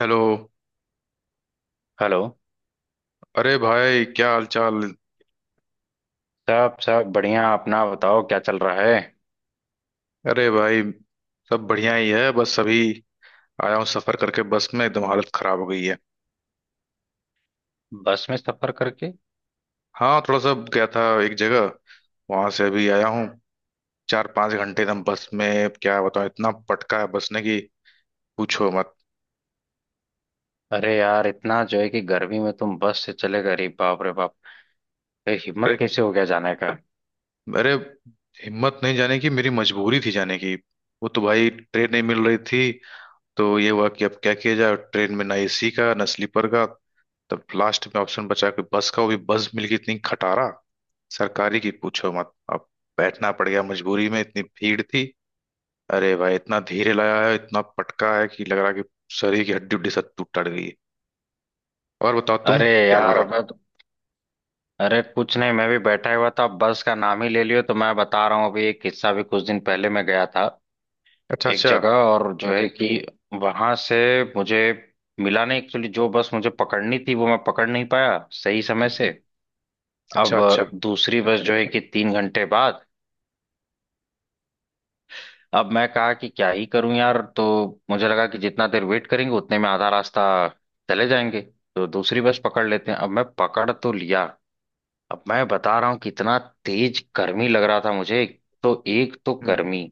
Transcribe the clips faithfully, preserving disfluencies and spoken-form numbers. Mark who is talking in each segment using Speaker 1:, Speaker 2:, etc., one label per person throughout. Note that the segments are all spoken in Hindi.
Speaker 1: हेलो।
Speaker 2: हेलो।
Speaker 1: अरे भाई, क्या हाल चाल?
Speaker 2: सब सब बढ़िया। अपना बताओ, क्या चल रहा है?
Speaker 1: अरे भाई, सब बढ़िया ही है। बस अभी आया हूँ सफर करके, बस में एकदम हालत खराब हो गई है।
Speaker 2: बस में सफर करके?
Speaker 1: हाँ, थोड़ा सा गया था एक जगह, वहां से अभी आया हूँ। चार पांच घंटे एकदम बस में, क्या बताऊँ, इतना पटका है बस ने कि पूछो मत।
Speaker 2: अरे यार, इतना जो है कि गर्मी में तुम बस से चले गए, अरे बाप रे बाप। अरे
Speaker 1: अरे,
Speaker 2: हिम्मत कैसे हो गया जाने का?
Speaker 1: अरे, हिम्मत नहीं जाने की, मेरी मजबूरी थी जाने की। वो तो भाई ट्रेन नहीं मिल रही थी, तो ये हुआ कि अब क्या किया जाए, ट्रेन में ना ए सी का ना स्लीपर का। तब लास्ट में ऑप्शन बचा कि बस का, वो भी बस मिल गई इतनी खटारा सरकारी की, पूछो मत। अब बैठना पड़ गया मजबूरी में, इतनी भीड़ थी। अरे भाई, इतना धीरे लगा है, इतना पटका है कि लग रहा है कि शरीर की हड्डी उड्डी सब टूट टट गई है। और बताओ तुम,
Speaker 2: अरे
Speaker 1: क्या हो रहा?
Speaker 2: यार, मैं तो- अरे कुछ नहीं, मैं भी बैठा हुआ था। बस का नाम ही ले लियो तो मैं बता रहा हूँ, अभी एक किस्सा भी, कुछ दिन पहले मैं गया था
Speaker 1: अच्छा,
Speaker 2: एक
Speaker 1: अच्छा।
Speaker 2: जगह, और जो है कि वहां से मुझे मिला नहीं। एक्चुअली जो बस मुझे पकड़नी थी वो मैं पकड़ नहीं पाया सही समय से। अब
Speaker 1: अच्छा, अच्छा।
Speaker 2: दूसरी बस जो है कि तीन घंटे बाद। अब मैं कहा कि क्या ही करूं यार, तो मुझे लगा कि जितना देर वेट करेंगे उतने में आधा रास्ता चले जाएंगे, तो दूसरी बस पकड़ लेते हैं। अब मैं पकड़ तो लिया। अब मैं बता रहा हूं कि इतना तेज गर्मी लग रहा था मुझे। तो एक तो
Speaker 1: हम्म।
Speaker 2: गर्मी,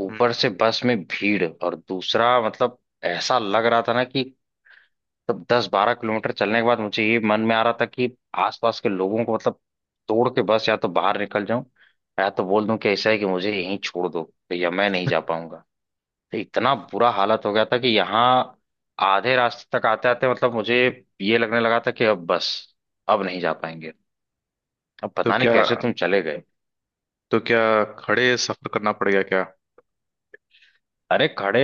Speaker 2: ऊपर
Speaker 1: हम्म।
Speaker 2: से बस में भीड़, और दूसरा, मतलब ऐसा लग रहा था ना कि तब दस बारह किलोमीटर चलने के बाद मुझे ये मन में आ रहा था कि आसपास के लोगों को मतलब तोड़ के बस या तो बाहर निकल जाऊं, या तो बोल दूं कि ऐसा है कि मुझे यहीं छोड़ दो भैया, मैं नहीं जा पाऊंगा। तो इतना बुरा हालत हो गया था कि यहाँ आधे रास्ते तक आते आते मतलब मुझे ये लगने लगा था कि अब बस, अब नहीं जा पाएंगे। अब
Speaker 1: तो
Speaker 2: पता नहीं
Speaker 1: क्या
Speaker 2: कैसे तुम चले गए।
Speaker 1: तो क्या खड़े सफर करना पड़ गया क्या?
Speaker 2: अरे खड़े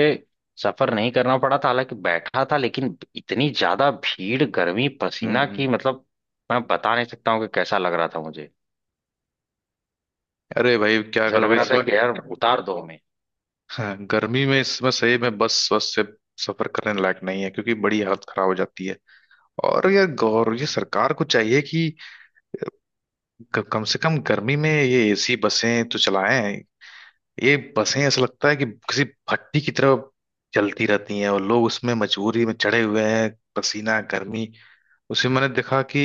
Speaker 2: सफर नहीं करना पड़ा था, हालांकि बैठा था, लेकिन इतनी ज्यादा भीड़, गर्मी,
Speaker 1: हम्म।
Speaker 2: पसीना
Speaker 1: हम्म।
Speaker 2: की मतलब मैं बता नहीं सकता हूँ कि कैसा लग रहा था मुझे।
Speaker 1: अरे भाई, क्या
Speaker 2: ऐसा लग
Speaker 1: करोगे
Speaker 2: रहा था
Speaker 1: इसमें।
Speaker 2: कि यार उतार दो हमें।
Speaker 1: हाँ, गर्मी में इसमें सही में, बस बस से सफर करने लायक नहीं है, क्योंकि बड़ी हालत खराब हो जाती है। और ये गौर, ये सरकार को चाहिए कि क- कम से कम गर्मी में ये ए सी बसें तो चलाएं। ये बसें ऐसा लगता है कि किसी भट्टी की तरह चलती रहती हैं, और लोग उसमें मजबूरी में चढ़े हुए हैं। पसीना, गर्मी। उसमें मैंने देखा कि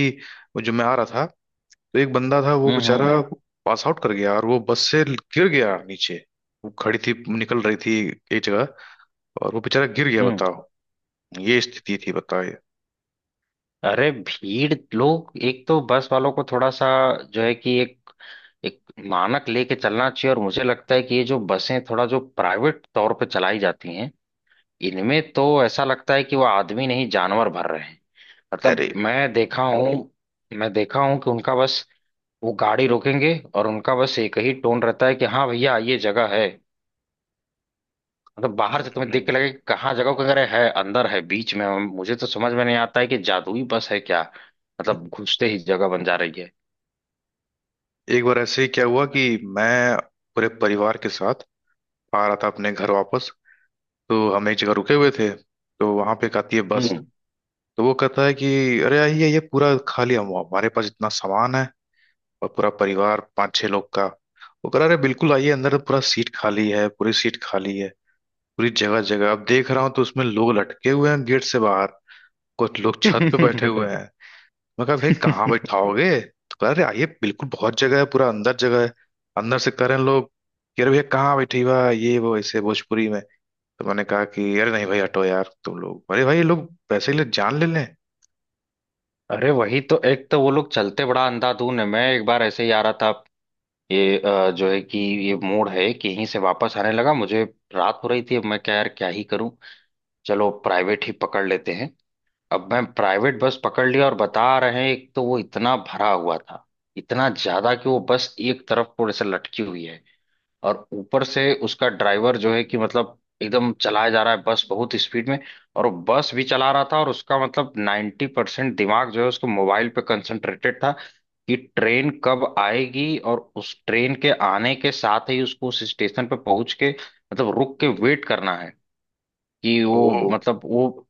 Speaker 1: वो जो मैं आ रहा था, तो एक बंदा था, वो
Speaker 2: हम्म। हम्म।
Speaker 1: बेचारा पास आउट कर गया और वो बस से गिर गया नीचे। वो खड़ी थी, निकल रही थी एक जगह, और वो बेचारा गिर गया,
Speaker 2: हम्म।
Speaker 1: बताओ। ये स्थिति थी, बताइए।
Speaker 2: अरे भीड़ लोग, एक तो बस वालों को थोड़ा सा जो है कि एक एक मानक लेके चलना चाहिए। और मुझे लगता है कि ये जो बसें थोड़ा जो प्राइवेट तौर पे चलाई जाती हैं, इनमें तो ऐसा लगता है कि वो आदमी नहीं, जानवर भर रहे हैं। मतलब
Speaker 1: अरे,
Speaker 2: मैं देखा हूँ, मैं देखा हूँ कि उनका बस वो गाड़ी रोकेंगे और उनका बस एक ही टोन रहता है कि हाँ भैया ये जगह है। मतलब बाहर से तुम्हें देख के लगे कि कहाँ जगह को? अगर है अंदर, है बीच में, मुझे तो समझ में नहीं आता है कि जादुई बस है क्या? मतलब घुसते ही जगह बन जा रही है।
Speaker 1: एक बार ऐसे ही क्या हुआ कि मैं पूरे परिवार के साथ आ रहा था अपने घर वापस। तो हम एक जगह रुके हुए थे, तो वहां पे एक आती है बस। तो वो कहता है कि अरे आइए, ये पूरा खाली, हम हमारे पास इतना सामान है, और पूरा परिवार पाँच छह लोग का। वो कह रहा, अरे बिल्कुल आइए, अंदर पूरा सीट खाली है, पूरी सीट खाली है, पूरी जगह जगह अब देख रहा हूँ तो उसमें लोग लटके हुए हैं गेट से बाहर, कुछ लोग छत पे
Speaker 2: हम्म।
Speaker 1: बैठे हुए हैं। मैं कहा, भाई कहाँ बैठाओगे, तो कह रहा अरे आइए बिल्कुल, बहुत जगह है, पूरा अंदर जगह है। अंदर से कह रहे हैं लोग कि अरे भैया कहाँ बैठी हुआ है? ये वो ऐसे भोजपुरी में। तो मैंने कहा कि अरे नहीं भाई, हटो यार तुम लोग, अरे भाई ये लोग पैसे के लिए जान ले लें।
Speaker 2: अरे वही तो, एक तो वो लोग चलते बड़ा अंधाधुन है। मैं एक बार ऐसे ही आ रहा था, ये अ, जो है कि ये मोड़ है कि यहीं से वापस आने लगा मुझे। रात हो रही थी, अब मैं क्या यार, क्या ही करूं, चलो प्राइवेट ही पकड़ लेते हैं। अब मैं प्राइवेट बस पकड़ लिया और बता रहे हैं, एक तो वो इतना भरा हुआ था, इतना ज्यादा कि वो बस एक तरफ को ऐसे लटकी हुई है। और ऊपर से उसका ड्राइवर जो है कि मतलब एकदम चलाया जा रहा है बस बहुत स्पीड में। और वो बस भी चला रहा था और उसका मतलब नाइन्टी परसेंट दिमाग जो है उसको मोबाइल पे कंसंट्रेटेड था कि ट्रेन कब आएगी और उस ट्रेन के आने के साथ ही उसको उस स्टेशन पे पहुंच के मतलब रुक के वेट करना है। कि वो,
Speaker 1: तो
Speaker 2: मतलब वो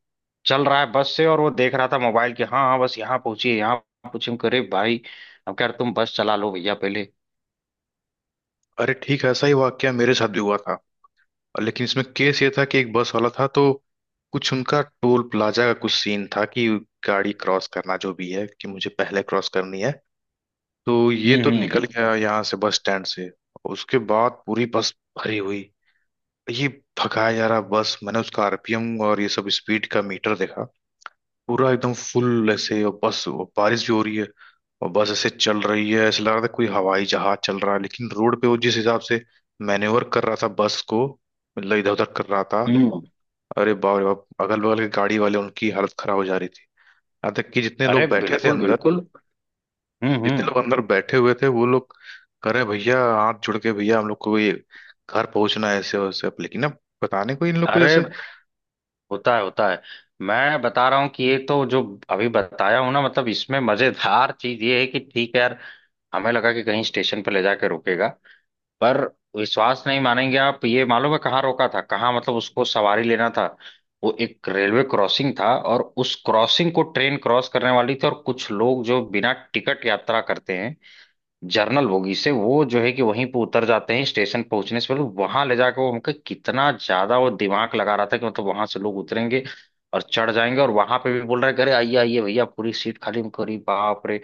Speaker 2: चल रहा है बस से, और वो देख रहा था मोबाइल के। हाँ हाँ, बस यहाँ पहुंचिए, यहाँ पहुंचे करे भाई। अब कह रहे, तुम बस चला लो भैया पहले।
Speaker 1: अरे, ठीक है, ऐसा ही वाकया मेरे साथ भी हुआ था। और लेकिन इसमें केस ये था कि एक बस वाला था, तो कुछ उनका टोल प्लाजा का कुछ सीन था कि गाड़ी क्रॉस करना, जो भी है कि, मुझे पहले क्रॉस करनी है। तो ये
Speaker 2: हम्म।
Speaker 1: तो
Speaker 2: हम्म।
Speaker 1: निकल गया यहाँ से बस स्टैंड से, उसके बाद पूरी बस भरी हुई, ये भगाया जा रहा बस। मैंने उसका आर पी एम और ये सब स्पीड का मीटर देखा, पूरा एकदम फुल ऐसे। और बस, और बारिश भी हो रही है, और बस ऐसे चल रही है, ऐसा लग रहा था कोई हवाई जहाज चल रहा है। लेकिन रोड पे वो जिस हिसाब से मैनेवर कर रहा था बस को, मतलब इधर उधर कर रहा था।
Speaker 2: हम्म।
Speaker 1: अरे बाप रे बाप, अगल बगल के गाड़ी वाले, उनकी हालत खराब हो जा रही थी, यहाँ तक कि जितने
Speaker 2: अरे
Speaker 1: लोग बैठे थे
Speaker 2: बिल्कुल
Speaker 1: अंदर,
Speaker 2: बिल्कुल। हम्म
Speaker 1: जितने
Speaker 2: हम्म।
Speaker 1: लोग अंदर बैठे हुए थे, वो लोग कह रहे, भैया हाथ जुड़ के, भैया हम लोग को ये घर पहुंचना है ऐसे वैसे, लेकिन अब पता नहीं, कोई इन लोग को
Speaker 2: अरे
Speaker 1: जैसे।
Speaker 2: होता है होता है। मैं बता रहा हूँ कि ये तो जो अभी बताया हूँ ना, मतलब इसमें मजेदार चीज ये है कि, ठीक है यार, हमें लगा कि कहीं स्टेशन पर ले जाके रोकेगा, पर विश्वास नहीं मानेंगे आप, ये मालूम है कहाँ रोका था? कहाँ मतलब उसको सवारी लेना था? वो एक रेलवे क्रॉसिंग था और उस क्रॉसिंग को ट्रेन क्रॉस करने वाली थी, और कुछ लोग जो बिना टिकट यात्रा करते हैं जर्नल बोगी से, वो जो है कि वहीं पे उतर जाते हैं स्टेशन पहुंचने से पहले। वहां ले जाकर वो हमको, कितना ज्यादा वो दिमाग लगा रहा था कि मतलब वहां से लोग उतरेंगे और चढ़ जाएंगे। और वहां पे भी बोल रहे हैं, कि अरे आइए आइए भैया, पूरी सीट खाली, हमको अरे बाप रे।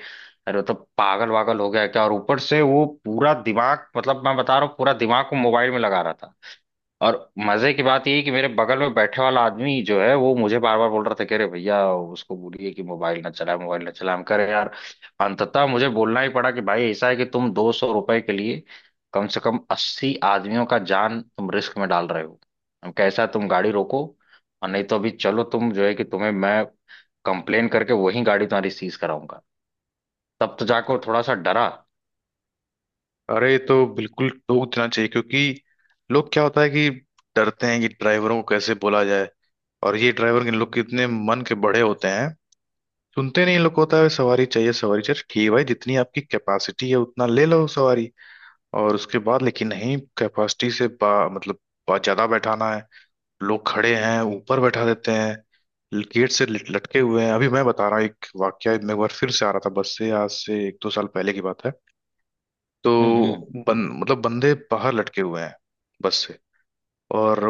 Speaker 2: अरे मतलब तो पागल वागल हो गया क्या? और ऊपर से वो पूरा दिमाग, मतलब मैं बता रहा हूँ, पूरा दिमाग को मोबाइल में लगा रहा था। और मजे की बात ये है कि मेरे बगल में बैठे वाला आदमी जो है वो मुझे बार बार बोल रहा था कि अरे भैया उसको बोलिए कि मोबाइल ना चलाए, मोबाइल ना चलाए। हम कह रहे यार, अंततः मुझे बोलना ही पड़ा कि भाई ऐसा है कि तुम दो सौ रुपए के लिए कम से कम अस्सी आदमियों का जान तुम रिस्क में डाल रहे हो। हम कैसा, तुम गाड़ी रोको, और नहीं तो अभी चलो, तुम जो है कि तुम्हें मैं कंप्लेन करके वही गाड़ी तुम्हारी सीज कराऊंगा। तब तो जाकर वो थोड़ा सा डरा।
Speaker 1: अरे, ये तो बिल्कुल टोक देना चाहिए, क्योंकि लोग, क्या होता है कि डरते हैं कि ड्राइवरों को कैसे बोला जाए। और ये ड्राइवर, इन लोग कितने मन के बड़े होते हैं, सुनते नहीं। इन लोग को होता है सवारी चाहिए, सवारी चाहिए। ठीक है भाई, जितनी आपकी कैपेसिटी है उतना ले लो सवारी, और उसके बाद लेकिन नहीं, कैपेसिटी से बा, मतलब बहुत ज्यादा बैठाना है, लोग खड़े हैं, ऊपर बैठा देते हैं, गेट से लट- लटके हुए हैं। अभी मैं बता रहा हूँ एक वाकया, मैं एक बार फिर से आ रहा था बस से, आज से एक दो साल पहले की बात है। तो
Speaker 2: हम्म
Speaker 1: बन, मतलब बंदे बाहर लटके हुए हैं बस से। और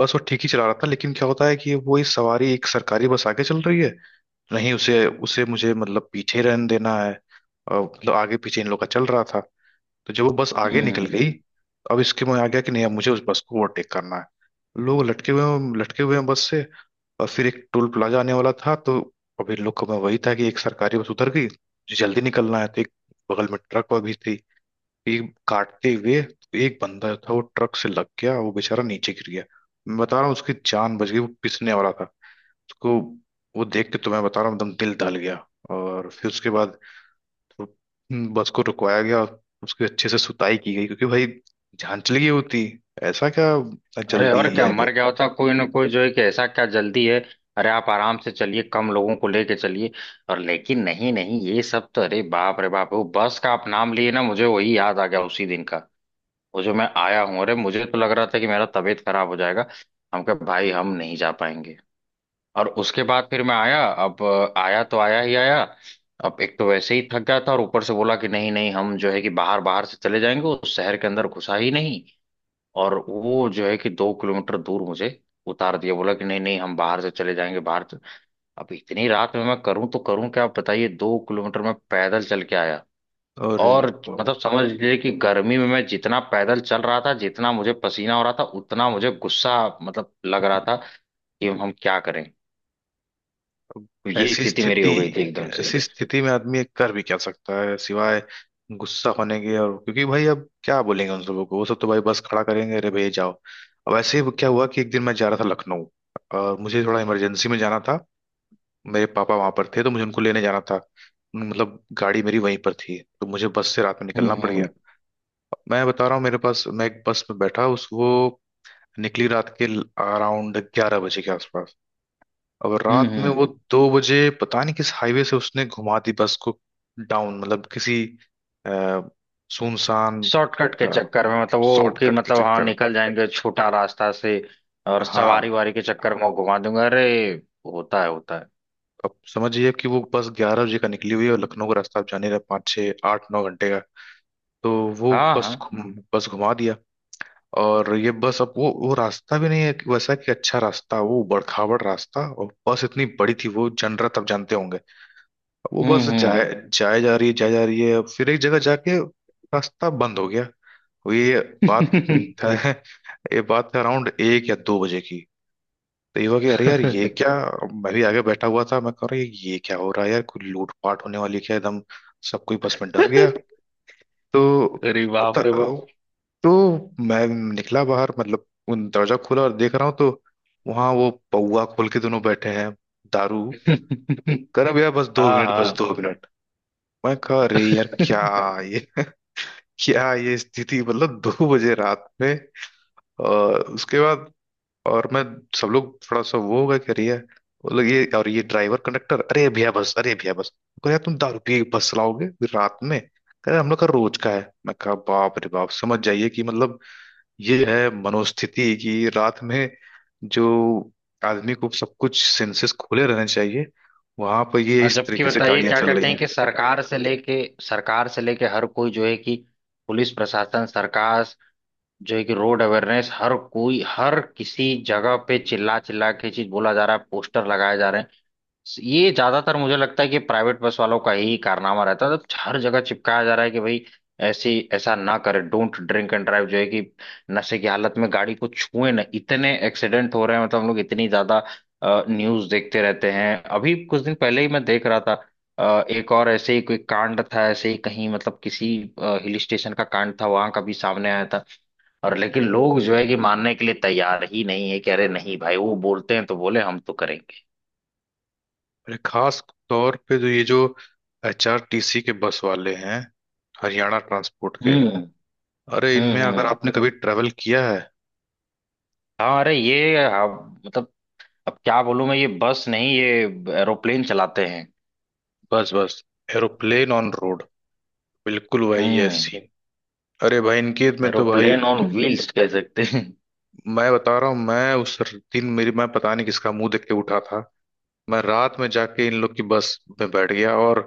Speaker 1: बस वो ठीक ही चला रहा था, लेकिन क्या होता है कि वो ये सवारी, एक सरकारी बस आगे चल रही है, नहीं उसे उसे मुझे, मतलब पीछे रहने देना है, और मतलब आगे पीछे इन लोग का चल रहा था। तो जब वो बस आगे
Speaker 2: हम्म।
Speaker 1: निकल
Speaker 2: हम्म।
Speaker 1: गई, तो अब इसके मैं आ गया कि नहीं, अब मुझे उस बस को ओवरटेक करना है। लोग लटके हुए हैं, लटके हुए हैं बस से, और फिर एक टोल प्लाजा आने वाला था, तो अभी लोग को मैं वही था कि एक सरकारी बस उतर गई, मुझे जल्दी निकलना है। तो एक बगल में ट्रक और भी थी, एक काटते हुए, तो एक बंदा था, वो ट्रक से लग गया, वो बेचारा नीचे गिर गया। मैं बता रहा हूँ, उसकी जान बच गई, वो पिसने वाला था उसको। वो देख के तो मैं बता रहा हूँ एकदम दिल दहल गया। और फिर उसके बाद तो बस को रुकवाया गया, उसकी अच्छे से सुताई की गई, क्योंकि भाई, जान चली गई होती, ऐसा क्या
Speaker 2: अरे, और
Speaker 1: जल्दी
Speaker 2: क्या,
Speaker 1: आ गया।
Speaker 2: मर गया होता कोई ना कोई जो है कि, ऐसा क्या जल्दी है? अरे आप आराम से चलिए, कम लोगों को लेके चलिए। और लेकिन नहीं नहीं, ये सब तो, अरे बाप रे बाप, वो बस का आप नाम लिए ना, मुझे वही याद आ गया उसी दिन का, वो जो मैं आया हूँ। अरे मुझे तो लग रहा था कि मेरा तबीयत खराब हो जाएगा, हम कहा भाई हम नहीं जा पाएंगे। और उसके बाद फिर मैं आया। अब अ, आया तो आया ही आया। अब एक तो वैसे ही थक गया था, और ऊपर से बोला कि नहीं नहीं, हम जो है कि बाहर, बाहर से चले जाएंगे, उस शहर के अंदर घुसा ही नहीं। और वो जो है कि दो किलोमीटर दूर मुझे उतार दिया, बोला कि नहीं नहीं हम बाहर से चले जाएंगे, बाहर से। अब इतनी रात में मैं करूं तो करूं क्या, आप बताइए? दो किलोमीटर मैं पैदल चल के आया।
Speaker 1: और
Speaker 2: और मतलब समझ लीजिए कि गर्मी में मैं जितना पैदल चल रहा था, जितना मुझे पसीना हो रहा था, उतना मुझे गुस्सा, मतलब लग रहा था कि हम क्या करें। तो ये
Speaker 1: ऐसी
Speaker 2: स्थिति मेरी
Speaker 1: स्थिति
Speaker 2: हो गई थी एकदम से।
Speaker 1: ऐसी स्थिति में आदमी एक कर भी क्या सकता है सिवाय गुस्सा होने के, और क्योंकि भाई अब क्या बोलेंगे उन लोगों को, वो सब तो भाई बस खड़ा करेंगे, अरे भैया जाओ। अब ऐसे ही क्या हुआ कि एक दिन मैं जा रहा था लखनऊ, और मुझे थोड़ा इमरजेंसी में जाना था। मेरे पापा वहां पर थे, तो मुझे उनको लेने जाना था, मतलब गाड़ी मेरी वहीं पर थी, तो मुझे बस से रात में
Speaker 2: हम्म
Speaker 1: निकलना पड़ गया।
Speaker 2: हम्म।
Speaker 1: मैं बता रहा हूँ, मेरे पास, मैं एक बस में बैठा, उस वो निकली रात के अराउंड ग्यारह बजे के आसपास। अब
Speaker 2: हम्म
Speaker 1: रात में
Speaker 2: हम्म।
Speaker 1: वो दो बजे, पता नहीं किस हाईवे से उसने घुमा दी बस को डाउन, मतलब किसी अ, सुनसान
Speaker 2: शॉर्टकट के चक्कर में, मतलब वो कि,
Speaker 1: शॉर्टकट के
Speaker 2: मतलब हाँ,
Speaker 1: चक्कर।
Speaker 2: निकल जाएंगे छोटा रास्ता से, और सवारी
Speaker 1: हाँ,
Speaker 2: वारी के चक्कर में वो घुमा दूंगा, अरे होता है होता है।
Speaker 1: अब समझिए कि वो बस ग्यारह बजे का निकली हुई है, और लखनऊ का रास्ता आप जाने रहे पाँच छः आठ नौ घंटे का। तो वो
Speaker 2: हाँ
Speaker 1: बस
Speaker 2: हाँ।
Speaker 1: घुम बस घुमा दिया। और ये बस, अब वो वो रास्ता भी नहीं है कि वैसा, कि अच्छा रास्ता, वो बड़खावड़ रास्ता, और बस इतनी बड़ी थी वो जनरत आप जानते होंगे। वो बस जाए
Speaker 2: हम्म
Speaker 1: जाए जा रही है, जाए जा रही है, अब फिर एक जगह जाके रास्ता बंद हो गया। वो ये बात
Speaker 2: हम्म।
Speaker 1: ये बात है अराउंड एक या दो बजे की। तो ये हुआ कि अरे यार ये क्या, मैं भी आगे बैठा हुआ था, मैं कह रहा, ये क्या हो रहा है यार, कोई लूटपाट होने वाली है क्या? एकदम सब कोई बस में डर गया। तो
Speaker 2: अरे बाप रे बाप।
Speaker 1: तो तो मैं निकला बाहर, मतलब उन दरवाजा खोला, और देख रहा हूँ तो वहां वो पौआ खोल के दोनों बैठे हैं दारू कर। अब यार बस दो
Speaker 2: हाँ
Speaker 1: मिनट बस
Speaker 2: हाँ।
Speaker 1: दो मिनट। मैं कह अरे यार क्या ये क्या ये स्थिति, मतलब दो बजे रात में। और उसके बाद और मैं, सब लोग थोड़ा सा वो होगा कि अरे यार, वो लोग, ये और ये ड्राइवर कंडक्टर, अरे भैया बस, अरे भैया बस। कह, यार तुम दारू पी के बस चलाओगे फिर रात में? कह रहे हम लोग का रोज का है। मैं कहा, बाप रे बाप, समझ जाइए कि मतलब ये है मनोस्थिति कि रात में, जो आदमी को सब कुछ सेंसेस खुले रहने चाहिए, वहां पर ये
Speaker 2: और
Speaker 1: इस
Speaker 2: जबकि
Speaker 1: तरीके से
Speaker 2: बताइए,
Speaker 1: गाड़ियां
Speaker 2: क्या
Speaker 1: चल रही
Speaker 2: कहते हैं
Speaker 1: हैं।
Speaker 2: कि सरकार से लेके, सरकार से लेके हर कोई जो है कि पुलिस प्रशासन सरकार जो है कि रोड अवेयरनेस, हर कोई, हर किसी जगह पे चिल्ला चिल्ला के चीज बोला जा रहा है, पोस्टर लगाए जा रहे हैं। ये ज्यादातर मुझे लगता है कि प्राइवेट बस वालों का ही कारनामा रहता है, तो हर जगह चिपकाया जा रहा है कि भाई ऐसी, ऐसा ना करे, डोंट ड्रिंक एंड ड्राइव, जो है कि नशे की हालत में गाड़ी को छुए ना। इतने एक्सीडेंट हो रहे हैं, मतलब हम लोग इतनी ज्यादा न्यूज देखते रहते हैं। अभी कुछ दिन पहले ही मैं देख रहा था अ, एक और ऐसे ही कोई कांड था, ऐसे ही कहीं मतलब किसी हिल स्टेशन का कांड था वहां का भी सामने आया था। और लेकिन लोग जो है कि मानने के लिए तैयार ही नहीं है कि, अरे नहीं भाई, वो बोलते हैं तो बोले, हम तो करेंगे।
Speaker 1: अरे खास तौर पे जो ये जो एच आर टी सी के बस वाले हैं, हरियाणा ट्रांसपोर्ट के, अरे इनमें
Speaker 2: हम्म
Speaker 1: अगर
Speaker 2: हम्म।
Speaker 1: आपने कभी ट्रेवल किया है।
Speaker 2: हाँ, अरे ये अब मतलब, अब क्या बोलूं मैं, ये बस नहीं, ये एरोप्लेन चलाते हैं।
Speaker 1: बस बस एरोप्लेन ऑन रोड, बिल्कुल वही है
Speaker 2: हम्म।
Speaker 1: सीन। अरे भाई, इनके में तो भाई,
Speaker 2: एरोप्लेन ऑन व्हील्स कह सकते हैं।
Speaker 1: मैं बता रहा हूँ, मैं उस दिन, मेरी, मैं पता नहीं किसका मुंह देख के उठा था। मैं रात में जाके इन लोग की बस में बैठ गया, और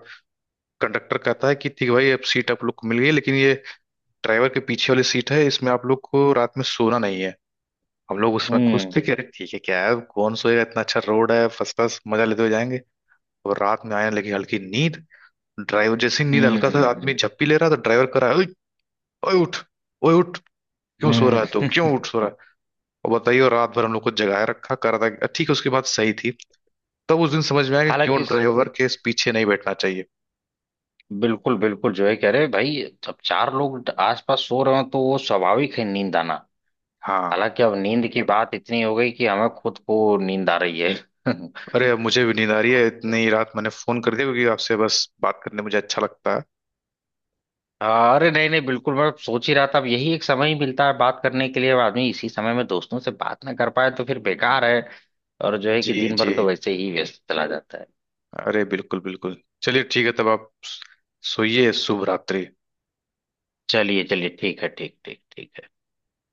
Speaker 1: कंडक्टर कहता है कि ठीक है भाई, अब सीट आप लोग को मिल गई, लेकिन ये ड्राइवर के पीछे वाली सीट है, इसमें आप लोग को रात में सोना नहीं है। हम लोग उसमें खुश थे
Speaker 2: हम्म
Speaker 1: कि अरे ठीक है, क्या है, कौन सोएगा, इतना अच्छा रोड है, फर्स्ट क्लास मजा लेते हुए जाएंगे। और रात में आने लगी हल्की नींद। ड्राइवर, जैसी नींद हल्का सा आदमी
Speaker 2: हम्म।
Speaker 1: झप्पी ले रहा था, ड्राइवर कर रहा है, ओए, ओए उठ, ओए उठ, क्यों सो रहा
Speaker 2: हम्म।
Speaker 1: है तू, क्यों उठ सो रहा है। और बताइए, और रात भर हम लोग को जगाए रखा, कर रहा था ठीक है, उसकी बात सही थी। तब उस दिन समझ में आया कि
Speaker 2: हालांकि
Speaker 1: क्यों
Speaker 2: इस,
Speaker 1: ड्राइवर के पीछे नहीं बैठना चाहिए।
Speaker 2: बिल्कुल बिल्कुल, जो है कह रहे भाई, जब चार लोग आसपास सो रहे हो तो वो स्वाभाविक है नींद आना।
Speaker 1: हाँ,
Speaker 2: हालांकि अब नींद की बात इतनी हो गई कि हमें खुद को नींद आ रही है।
Speaker 1: अरे अब मुझे भी नींद आ रही है, इतनी रात मैंने फोन कर दिया क्योंकि आपसे बस बात करने मुझे अच्छा लगता है।
Speaker 2: अरे नहीं नहीं बिल्कुल, मैं सोच ही रहा था, अब यही एक समय ही मिलता है बात करने के लिए, अब आदमी इसी समय में दोस्तों से बात ना कर पाए तो फिर बेकार है। और जो है
Speaker 1: जी,
Speaker 2: कि दिन भर
Speaker 1: जी,
Speaker 2: तो वैसे ही व्यस्त चला जाता है।
Speaker 1: अरे बिल्कुल, बिल्कुल, चलिए ठीक है, तब आप सोइए, शुभ रात्रि।
Speaker 2: चलिए चलिए, ठीक है, ठीक ठीक ठीक है।